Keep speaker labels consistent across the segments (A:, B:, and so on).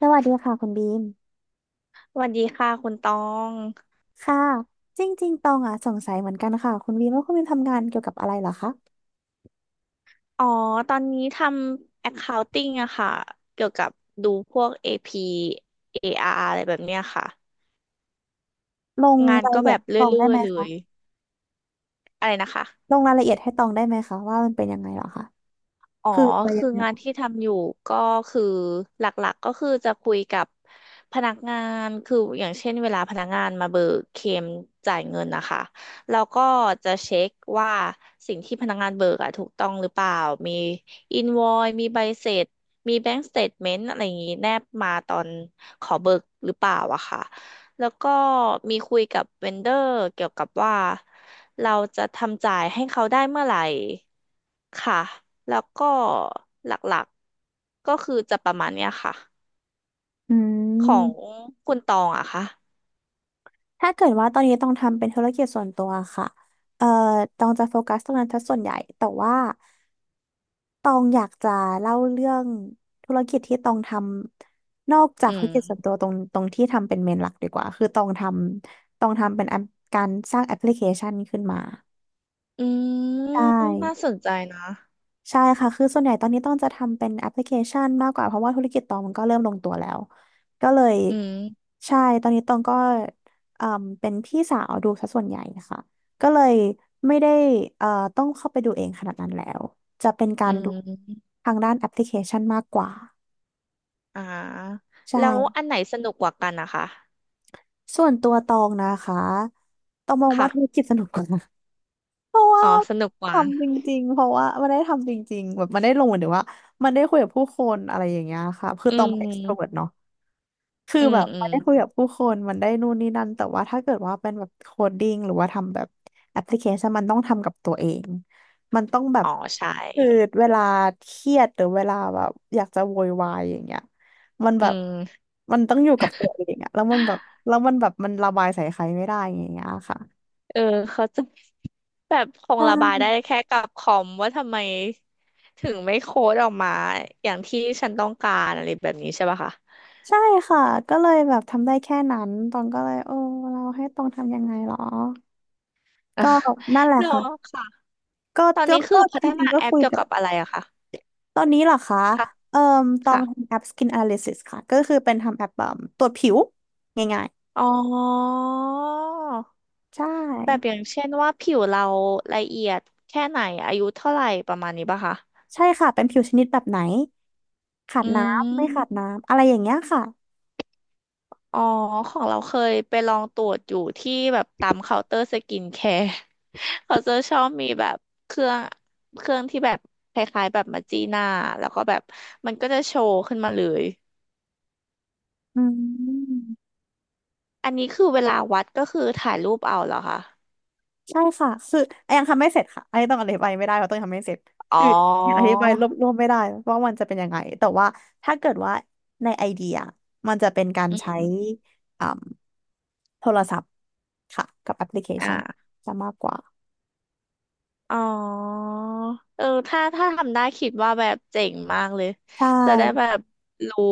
A: สวัสดีค่ะคุณบีม
B: สวัสดีค่ะคุณตอง
A: ค่ะจริงๆตองอ่ะสงสัยเหมือนกันค่ะคุณบีมว่าคุณบีมทำงานเกี่ยวกับอะไรเหรอคะ
B: อ๋อ ตอนนี้ทำ accounting อะค่ะ เกี่ยวกับดูพวก AP AR ออาร์อะไรแบบเนี้ยค่ะ
A: ลง
B: งาน
A: ราย
B: ก็
A: ละเอี
B: แบ
A: ยด
B: บ
A: ให้
B: เร
A: ตอง
B: ื่
A: ได้
B: อ
A: ไห
B: ย
A: ม
B: ๆเล
A: คะ
B: ย อะไรนะคะ
A: ลงรายละเอียดให้ตองได้ไหมคะว่ามันเป็นยังไงเหรอคะ
B: อ๋อ
A: คืออะไรยั
B: คือ
A: งไง
B: งา
A: เหร
B: น
A: อ
B: ที่ทำอยู่ก็คือหลักๆก็คือจะคุยกับพนักงานคืออย่างเช่นเวลาพนักงานมาเบิกเคลมจ่ายเงินนะคะเราก็จะเช็คว่าสิ่งที่พนักงานเบิกอะถูกต้องหรือเปล่า มีอินวอยมีใบเสร็จ มีแบงก์สเตทเมนต์อะไรอย่างนี้แนบมาตอนขอเบิกหรือเปล่าอะค่ะ แล้วก็มีคุยกับเวนเดอร์เกี่ยวกับว่าเราจะทำจ่ายให้เขาได้เมื่อไหร่ค่ะแล้วก็หลักๆก็คือจะประมาณเนี้ยค่ะ
A: อื
B: ของ
A: ม
B: คุณตองอะค่ะ
A: ถ้าเกิดว่าตอนนี้ต้องทำเป็นธุรกิจส่วนตัวค่ะเอ่อตองจะโฟกัสตรงนั้นซะส่วนใหญ่แต่ว่า ตองอยากจะเล่าเรื่องธุรกิจที่ตองทำนอกจาก
B: อื
A: ธุร
B: ม
A: กิจส่วนตัวตรงที่ทำเป็นเมนหลักดีกว่าคือตองทำเป็นแอปการสร้างแอปพลิเคชันขึ้นมา
B: อืม
A: ได้
B: น่าสนใจนะ
A: ใช่ค่ะ คือส่วนใหญ่ตอนนี้ต้องจะทำเป็นแอปพลิเคชันมากกว่าเพราะว่าธุรกิจตองมันก็เริ่มลงตัวแล้วก็เลย
B: อืม
A: ใช่ตอนนี้ตองก็เอ่มเป็นพี่สาวดูซะส่วนใหญ่ค่ะก็เลยไม่ได้เอ่อต้องเข้าไปดูเองขนาดนั้นแล้วจะเป็นกา
B: อื
A: รดู
B: ม
A: ทางด้านแอปพลิเคชันมากกว่า
B: อ่า
A: ใช่
B: แล้วอันไหนสนุกกว่ากันนะคะ
A: ส่วนตัวตองนะคะตองมองว่าธุร
B: ค่ะ
A: กิจสนุกกว่า เพราะว่า
B: อ๋อสนุกกว่า
A: ทำจริงๆเพราะว่ามันได้ทำจริงๆแบบมันได้ลงเหมือนถึงว่ามันได้คุยกับผู้คนอะไรอย่างเงี้ยค่ะคือ
B: อื
A: ตองเป็น extrovert
B: ม
A: เนาะคือ
B: อืม
A: แบบ
B: อื
A: มั
B: ม
A: นได้คุยกับผู้คนมันได้นู่นนี่นั่นแต่ว่าถ้าเกิดว่าเป็นแบบโคดดิ้งหรือว่าทำแบบแอปพลิเคชันมันต้องทำกับตัวเองมันต้องแบบ
B: อ๋อใช่
A: คือเวลาเครียดหรือเวลาแบบอยากจะโวยวายอย่างเงี้ยมัน
B: อื
A: แบบ
B: ม
A: มันต้องอยู่กับตัวเองอะแล้วมันแบบแล้วมันแบบมันระบายใส่ใครไม่ได้อย่างเงี้ยค่ะ
B: เออเขาใจะ แบบค
A: ใช
B: งระบายได้
A: ่
B: แค่กับคอมว่าทำไมถึงไม่โค้ดออกมาอย่างที่ฉันต้องการอะไรแบบนี้ใช่ปะคะ
A: ใช่ค่ะก็เลยแบบทำได้แค่นั้นตองก็เลยโอ้เราให้ตองทำยังไงหรอก็ นั่นแหละ
B: เนาะ
A: ค่ะ
B: ค่ะ
A: ก็
B: ตอน
A: ก็
B: นี้คื
A: ก็
B: อพั
A: จ
B: ฒ
A: ริ
B: นา
A: งๆก็
B: แอป
A: คุย
B: เกี่ยว
A: กับ
B: กับอะไรอะคะ
A: ตอนนี้เหรอคะ
B: ค่ะ
A: เอ่อตอง
B: ค่ะ
A: ทำแอป Skin Analysis ค่ะก็คือเป็นทำแอปแบบตรวจผิวง่าย
B: อ๋อ
A: ๆใช่
B: แบบอย่างเช่นว่าผิวเราละเอียดแค่ไหนอายุเท่าไหร่ประมาณนี้ปะคะ
A: ใช่ค่ะเป็นผิวชนิดแบบไหนขา
B: อื
A: ดน้ำไม่ขาด
B: ม
A: น้ำอะไรอย่างเงี้ยค่ะ
B: อ๋อของเราเคยไปลองตรวจอยู่ที่แบบตามเคาน์เตอร์สกินแคร์ เขาจะชอบมีแบบเครื่องเครื่องที่แบบคล้ายๆแบบมาจีหน้าแล้วก็แบบมันก็จะโชว์ขึ้นมาเลย
A: อืม
B: อันนี้คือเวลาวัดก็คือถ่ายรูปเอาเหรอคะ
A: ใช่ค่ะ คือไอยังทำไม่เสร็จค่ะไอต้องอธิบายไม่ได้เพราะต้องยังทำไม่เสร็จ
B: อ๋
A: คื
B: อ
A: อยังอธิบายรวบรวมไม่ได้ว่ามันจะเป็นยังไง แต่ว่าถ้าเกิดว่าในไอเดียมันจะเป็นการ
B: อื
A: ใช้
B: ม
A: อ่าโทรศัพท์ค่ะกับแอปพลิเคชัน
B: อ่า
A: จะมากกว่า
B: อ๋อเออถ้าทำได้คิดว่าแบบเจ๋งมากเลย
A: ใช่
B: จะได้แบบรู้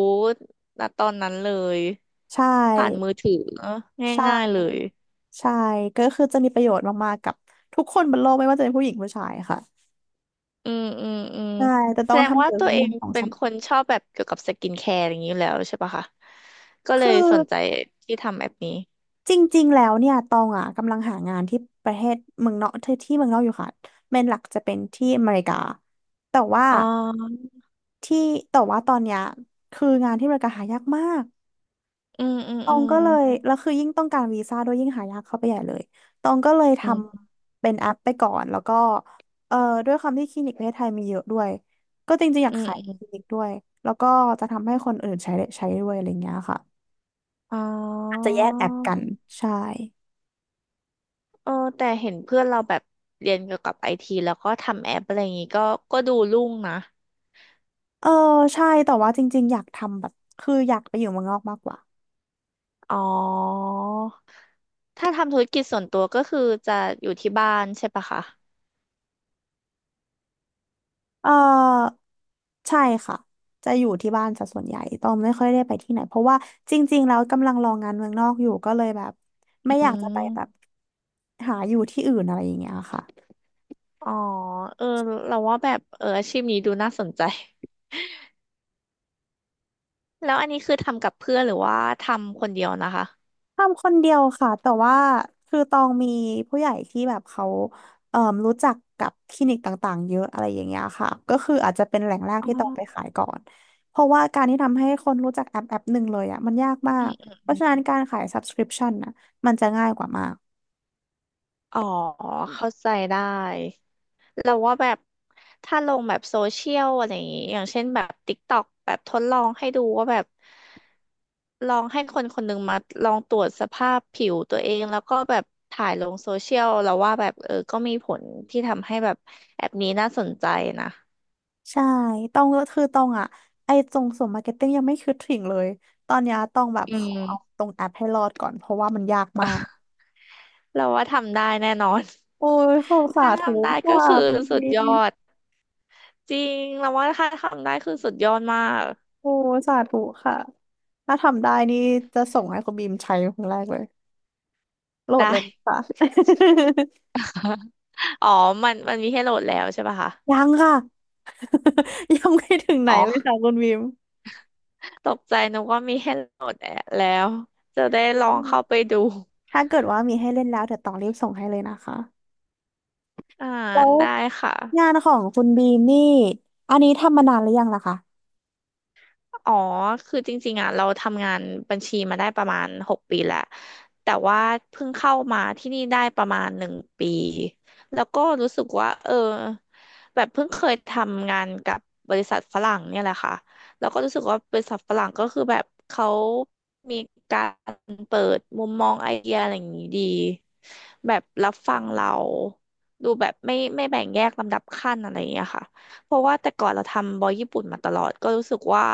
B: ณตอนนั้นเลย
A: ใช่
B: ผ่านมือถือง่ายๆเล
A: ใช่
B: ย
A: ใช่ก็คือจะมีประโยชน์มากๆ กับทุกคนบนโลกไม่ว่าจะเป็นผู้หญิงผู้ชายค่ะ
B: อืมอืมอืม
A: ใช่แต่
B: แส
A: ต้อง
B: ดง
A: ทำ
B: ว่า
A: เกี่ยว
B: ตั
A: กั
B: ว
A: บ
B: เอ
A: เรื่อ
B: ง
A: งของ
B: เป็
A: ส
B: น
A: ม
B: คนชอบแบบเกี่ยวกับสกินแคร์อย่างนี้อยู่แล้วใช่ปะคะก็เล
A: คือ
B: ยสนใจที่ทำแบบนี้
A: จริงๆแล้วเนี่ยตองอ่ะกำลังหางานที่ประเทศเมืองนอกที่เมืองนอกอยู่ค่ะเมนหลักจะเป็นที่อเมริกาแต่ว่า
B: อ๋อ
A: ที่แต่ว่าตอนเนี้ยคืองานที่อเมริกาหายากมาก
B: อืมอืม
A: ตอ
B: อื
A: ง
B: ม
A: ก็เลยแล้วคือยิ่งต้องการวีซ่าด้วยยิ่งหายากเข้าไปใหญ่เลยตองก็เลยท
B: อืม
A: ำเป็นแอปไปก่อนแล้วก็เอ่อด้วยความที่คลินิกประเทศไทยมีเยอะด้วยก็จริงๆอยา
B: อื
A: ก
B: ม
A: ขาย
B: อืม
A: คลินิกด้วยแล้วก็จะทำให้คนอื่นใช้ได้ใช้ด้วยอะไรเงี้ยค่ะ
B: อ๋
A: อาจจะ
B: อ
A: แยกแอปกันใช่
B: เออแต่เห็นเพื่อนเราแบบเรียนเกี่ยวกับไอทีแล้วก็ทำแอปอะไรอย่างนี้ก็ดูรุ่งนะ
A: เออใช่แต่ว่าจริงๆอยากทำแบบคืออยากไปอยู่เมืองนอกมากกว่า
B: อ๋อถ้าทำธุรกิจส่วนตัวก็คือจะอยู่ที่บ้านใช่ปะคะ
A: เออใช่ค่ะจะอยู่ที่บ้านซะส่วนใหญ่ต้องไม่ค่อยได้ไปที่ไหนเพราะว่าจริงๆแล้วกำลังรองานเมืองนอกอยู่ก็เลยแบบ
B: อื
A: ไม่อยากจะไปแบบ
B: ม
A: หาอยู่ที่อื่นอะไรอย่างเงี้ยค่ะ
B: อ๋อเออเราว่าแบบเอออาชีพนี้ดูน่าสนใจ แล้วอันนี้คือทำกับเพื่อนหรือว่าทำคนเดียวนะคะ
A: ทำคนเดียวค่ะแต่ว่าคือตองมีผู้ใหญ่ที่แบบเขาเอ่อรู้จักกับคลินิกต่างๆเยอะอะไรอย่างเงี้ยค่ะก็คืออาจจะเป็นแหล่งแรก
B: อ๋
A: ที่ตองไป
B: อ
A: ขายก่อนเพราะว่าการที่ทำให้คนรู้จักแอปหนึ่งเลยอ่ะมันยากมา
B: อื
A: ก
B: มอืม
A: เพ
B: อ
A: ราะฉะ
B: ม
A: นั้นการขาย subscription น่ะมันจะง่ายกว่ามาก
B: อ๋อเข้าใจได้เราว่าแบบถ้าลงแบบโซเชียลอะไรอย่างงี้อย่างเช่นแบบ TikTok แบบทดลองให้ดูว่าแบบลองให้คนคนหนึ่งมาลองตรวจสภาพผิวตัวเองแล้วก็แบบถ่ายลงโซเชียลเราว่าแบบเออก็มีผลที่ทำให้แบบแอปนี้น่าสนใจนะ
A: ใช่ตองก็คือตองอ่ะไอ้ตรงส่วนมาร์เก็ตติ้งยังไม่คิดถึงเลยตอนเนี้ยตองแบบ
B: อื
A: ขอเอา
B: ม
A: ตรงแอปให้รอดก่อนเพราะว่ามันยากมาก
B: เราว่าทำได้แน่นอน
A: โอ้ยขอบ สา
B: ถ้า
A: ธุ
B: ทำได้ก็
A: ค่ะ
B: คือ
A: คุณ
B: สุ
A: ดี
B: ดยอด จริง เราว่าถ้าทำได้คือสุดยอดมาก
A: โอ้สาธุค่ะถ้าทำได้นี่จะส่งให้คุณบีมใช้ครั้งแรกเลยโหล
B: ได
A: ดเลย
B: ้
A: ค่ะ
B: อ๋อ มันมีให้โหลดแล้วใช่ป่ะคะ
A: ยังค่ะ ยังไม่ถึงไหน
B: อ๋
A: เลย
B: อ
A: ค่ะคุณบีม
B: ตกใจนึกว่ามีให้โหลดแล้ว จะได้
A: อื
B: ลอง
A: ม
B: เข้าไปดู
A: ถ้าเกิดว่ามีให้เล่นแล้วเดี๋ยวต้องรีบส่งให้เลยนะคะ
B: อ่า
A: แล้ว
B: ได้ค่ะ
A: งานของคุณบีมนี่อันนี้ทำมานานหรือยังล่ะคะ
B: อ๋อคือจริงๆอ่ะเราทำงานบัญชีมาได้ประมาณหกปีแล้วแต่ว่าเพิ่งเข้ามาที่นี่ได้ประมาณหนึ่งปี แล้วก็รู้สึกว่าเออแบบเพิ่งเคยทำงานกับบริษัทฝรั่งเนี่ยแหละค่ะแล้วก็รู้สึกว่าบริษัทฝรั่งก็คือแบบเขามีการเปิดมุมมองไอเดียอะไรอย่างนี้ดีแบบรับฟังเราดูแบบไม่แบ่งแยกลำดับขั้นอะไรอย่างเงี้ยค่ะเพราะว่าแต่ก่อนเราทำบอยญี่ปุ่นมาตลอดก็รู้สึกว่า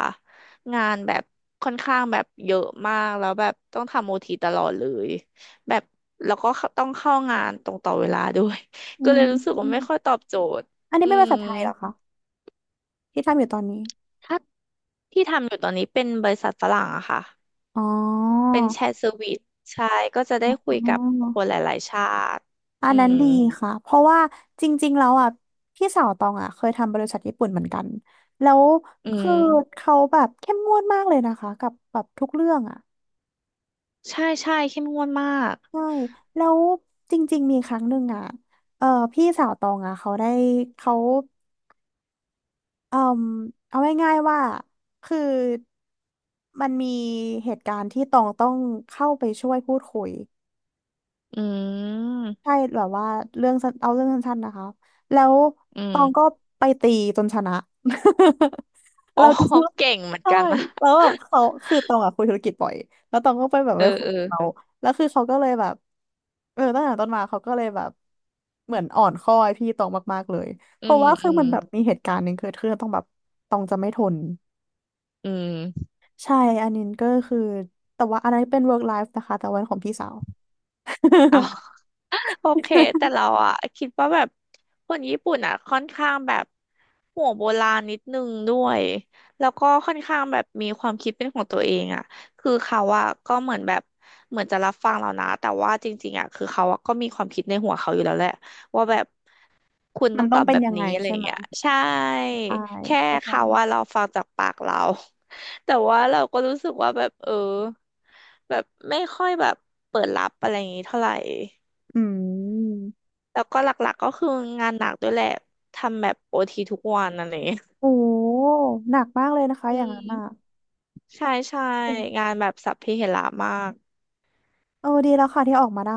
B: งานแบบค่อนข้างแบบเยอะมากแล้วแบบต้องทำโอทีตลอดเลยแบบแล้วก็ต้องเข้างานตรงต่อเวลาด้วย
A: อื
B: ก็เลยรู้สึกว่าไม่
A: ม
B: ค่อยตอบโจทย์
A: อันนี้
B: อื
A: เป็นภา
B: ม
A: ษาไทยเหรอคะที่ทำอยู่ตอนนี้
B: ถ้าที่ทำอยู่ตอนนี้เป็นบริษัทฝรั่งอะค่ะ
A: อ๋อ
B: เป็นแชร์เซอร์วิสใช่ก็จะได้คุ
A: อ๋
B: ยกับคนห
A: อ
B: ลายๆชาติ
A: อั
B: อื
A: นนั้น
B: ม
A: อืดีมค่ะ เพราะว่าจริงๆแล้วอ่ะพี่สาวตองอ่ะเคยทำบริษัทญี่ปุ่นเหมือนกันแล้ว
B: อื
A: คือ
B: ม
A: เขาแบบเข้มงวดมากเลยนะคะกับแบบทุกเรื่องอ่ะ
B: ใช่ใช่เข้มงวดมาก
A: ใช่แล้วจริงๆมีครั้งหนึ่งอ่ะเออพี่สาวตองอ่ะเขาได้เขาเออเอาง่ายๆว่าคือมันมีเหตุการณ์ที่ตองต้องเข้าไปช่วยพูดคุย
B: อืม
A: ใช่แบบว่าเรื่องสั้นเอาเรื่องสั้นๆนะคะแล้ว
B: อื
A: ตองก็
B: ม
A: ไปตีจนชนะ
B: อ๋
A: เรา
B: อ
A: ก็คิด ว่า
B: เก่งเหมือน
A: ใช่
B: กันนะ
A: แล้วแบบเขาคือตองอะคุยธุรกิจบ่อยแล้วตองก็ไปแบบ
B: เอ
A: ไป
B: อ
A: คุย
B: เออ
A: กับเขาแล้วคือเขาก็เลยแบบตั้งแต่ต้นมาเขาก็เลยแบบเหมือนอ่อนข้อไอพี่ตองมากๆเลยเพ
B: อื
A: ราะ
B: ม
A: ว่าคื
B: อื
A: อมั
B: ม
A: นแบบมีเหตุการณ์หนึ่งเกิดขึ้นแล้วต้องแบบตองจะไม่ทน
B: อืม
A: ใช่อันนี้ก็คือแต่ว่าอันนั้นเป็น work life นะคะแต่วันของพี่สาว
B: เอา โอเคแต่เราอะคิดว่าแบบคนญี่ปุ่นอะค่อนข้างแบบหัวโบราณนิดนึงด้วยแล้วก็ค่อนข้างแบบมีความคิดเป็นของตัวเองอะคือเขาอะก็เหมือนแบบเหมือนจะรับฟังเรานะแต่ว่าจริงๆอะคือเขาอะก็มีความคิดในหัวเขาอยู่แล้วแหละว่าแบบคุณ
A: มั
B: ต้อ
A: น
B: งต
A: ต้อ
B: อ
A: ง
B: บ
A: เป็
B: แบ
A: น
B: บ
A: ยังไง
B: นี้อะไรอ
A: ใช่
B: ย่าง
A: ไหม
B: เงี้ยใช่
A: ใช่
B: แค่
A: เข้าใจ
B: เขาว่าเราฟังจากปากเรา แต่ว่าเราก็รู้สึกว่าแบบเออแบบไม่ค่อยแบบเปิดรับอะไรอย่างงี้เท่าไหร่
A: อืม
B: แล้วก็หลักๆก็คืองานหนักด้วยแหละทำแบบโอทีทุกวันอะไรอย่างเงี้ย
A: โอ้หนักมากเลยนะคะ
B: อื
A: อย่างนั้นอ่ะ
B: มใช่ใช่งานแบบสัพเพเหระมาก
A: ดีแล้วค่ะที่ออกมาได้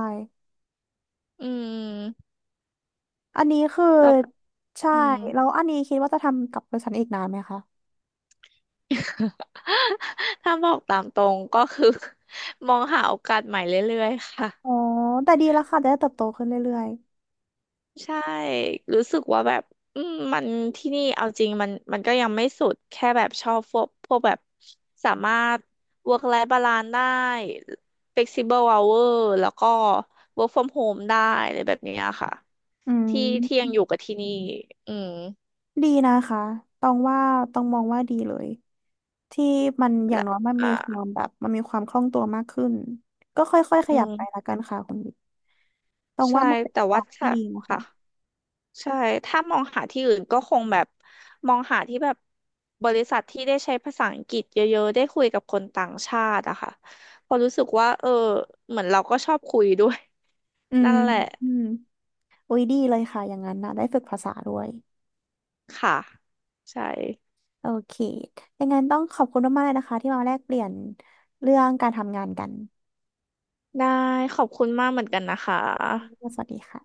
B: อืม
A: อันนี้คือ
B: แล้ว
A: ใช่
B: อืม
A: แล้วอันนี้คิดว่าจะทำกับบริษัทอีกนานไหมคะ
B: ถ้าบอกตามตรงก็คือ มองหาโอกาสใหม่เรื่อยๆค่ะ
A: อ๋อแต่ดีแล้วค่ะจะได้เติบโตขึ้นเรื่อย
B: ใช่ รู้สึกว่าแบบอืมมันที่นี่เอาจริงมันก็ยังไม่สุด แค่แบบชอบพวกแบบสามารถ work life balance ได้ flexible hour แล้วก็ work from home ได้อะไรแบบเนี้ยค่ะ
A: ๆอื
B: ที่ยัง
A: ม
B: อยู่กับที่นี่ อืม
A: ดีนะคะต้องว่าต้องมองว่าดีเลยที่มันอย่าง
B: และ
A: น้อย
B: อ่า
A: มันมีความคล่องตัวมากขึ้นก็ค่อยๆข
B: อื
A: ยับไปละ
B: ม
A: กันค่ะคุณต้อง
B: ใช่
A: ว่ามันเป็น
B: แต่
A: จั
B: ว่า
A: บที่
B: ถ้า
A: ดีนะคะ
B: ค่ะ ใช่ถ้ามองหาที่อื่นก็คงแบบมองหาที่แบบบริษัทที่ได้ใช้ภาษาอังกฤษเยอะๆได้คุยกับคนต่างชาติอะค่ะเพอราะรู้สึกว่าเออเหมือนเราก็ชอบคุยด้วย
A: อื
B: นั่
A: ม
B: นแหละ
A: อืม อุ้ยดีเลยค่ะอย่างนั้นนะได้ฝึกภาษาด้วย
B: ค่ะใช่
A: โอเคอย่างนั้นต้องขอบคุณมากๆเลยนะคะที่มาแลกเปลี่ยนเรื่องการทำงานกัน
B: ได้ขอบคุณมากเหมือนกันนะคะ
A: สวัสดีค่ะ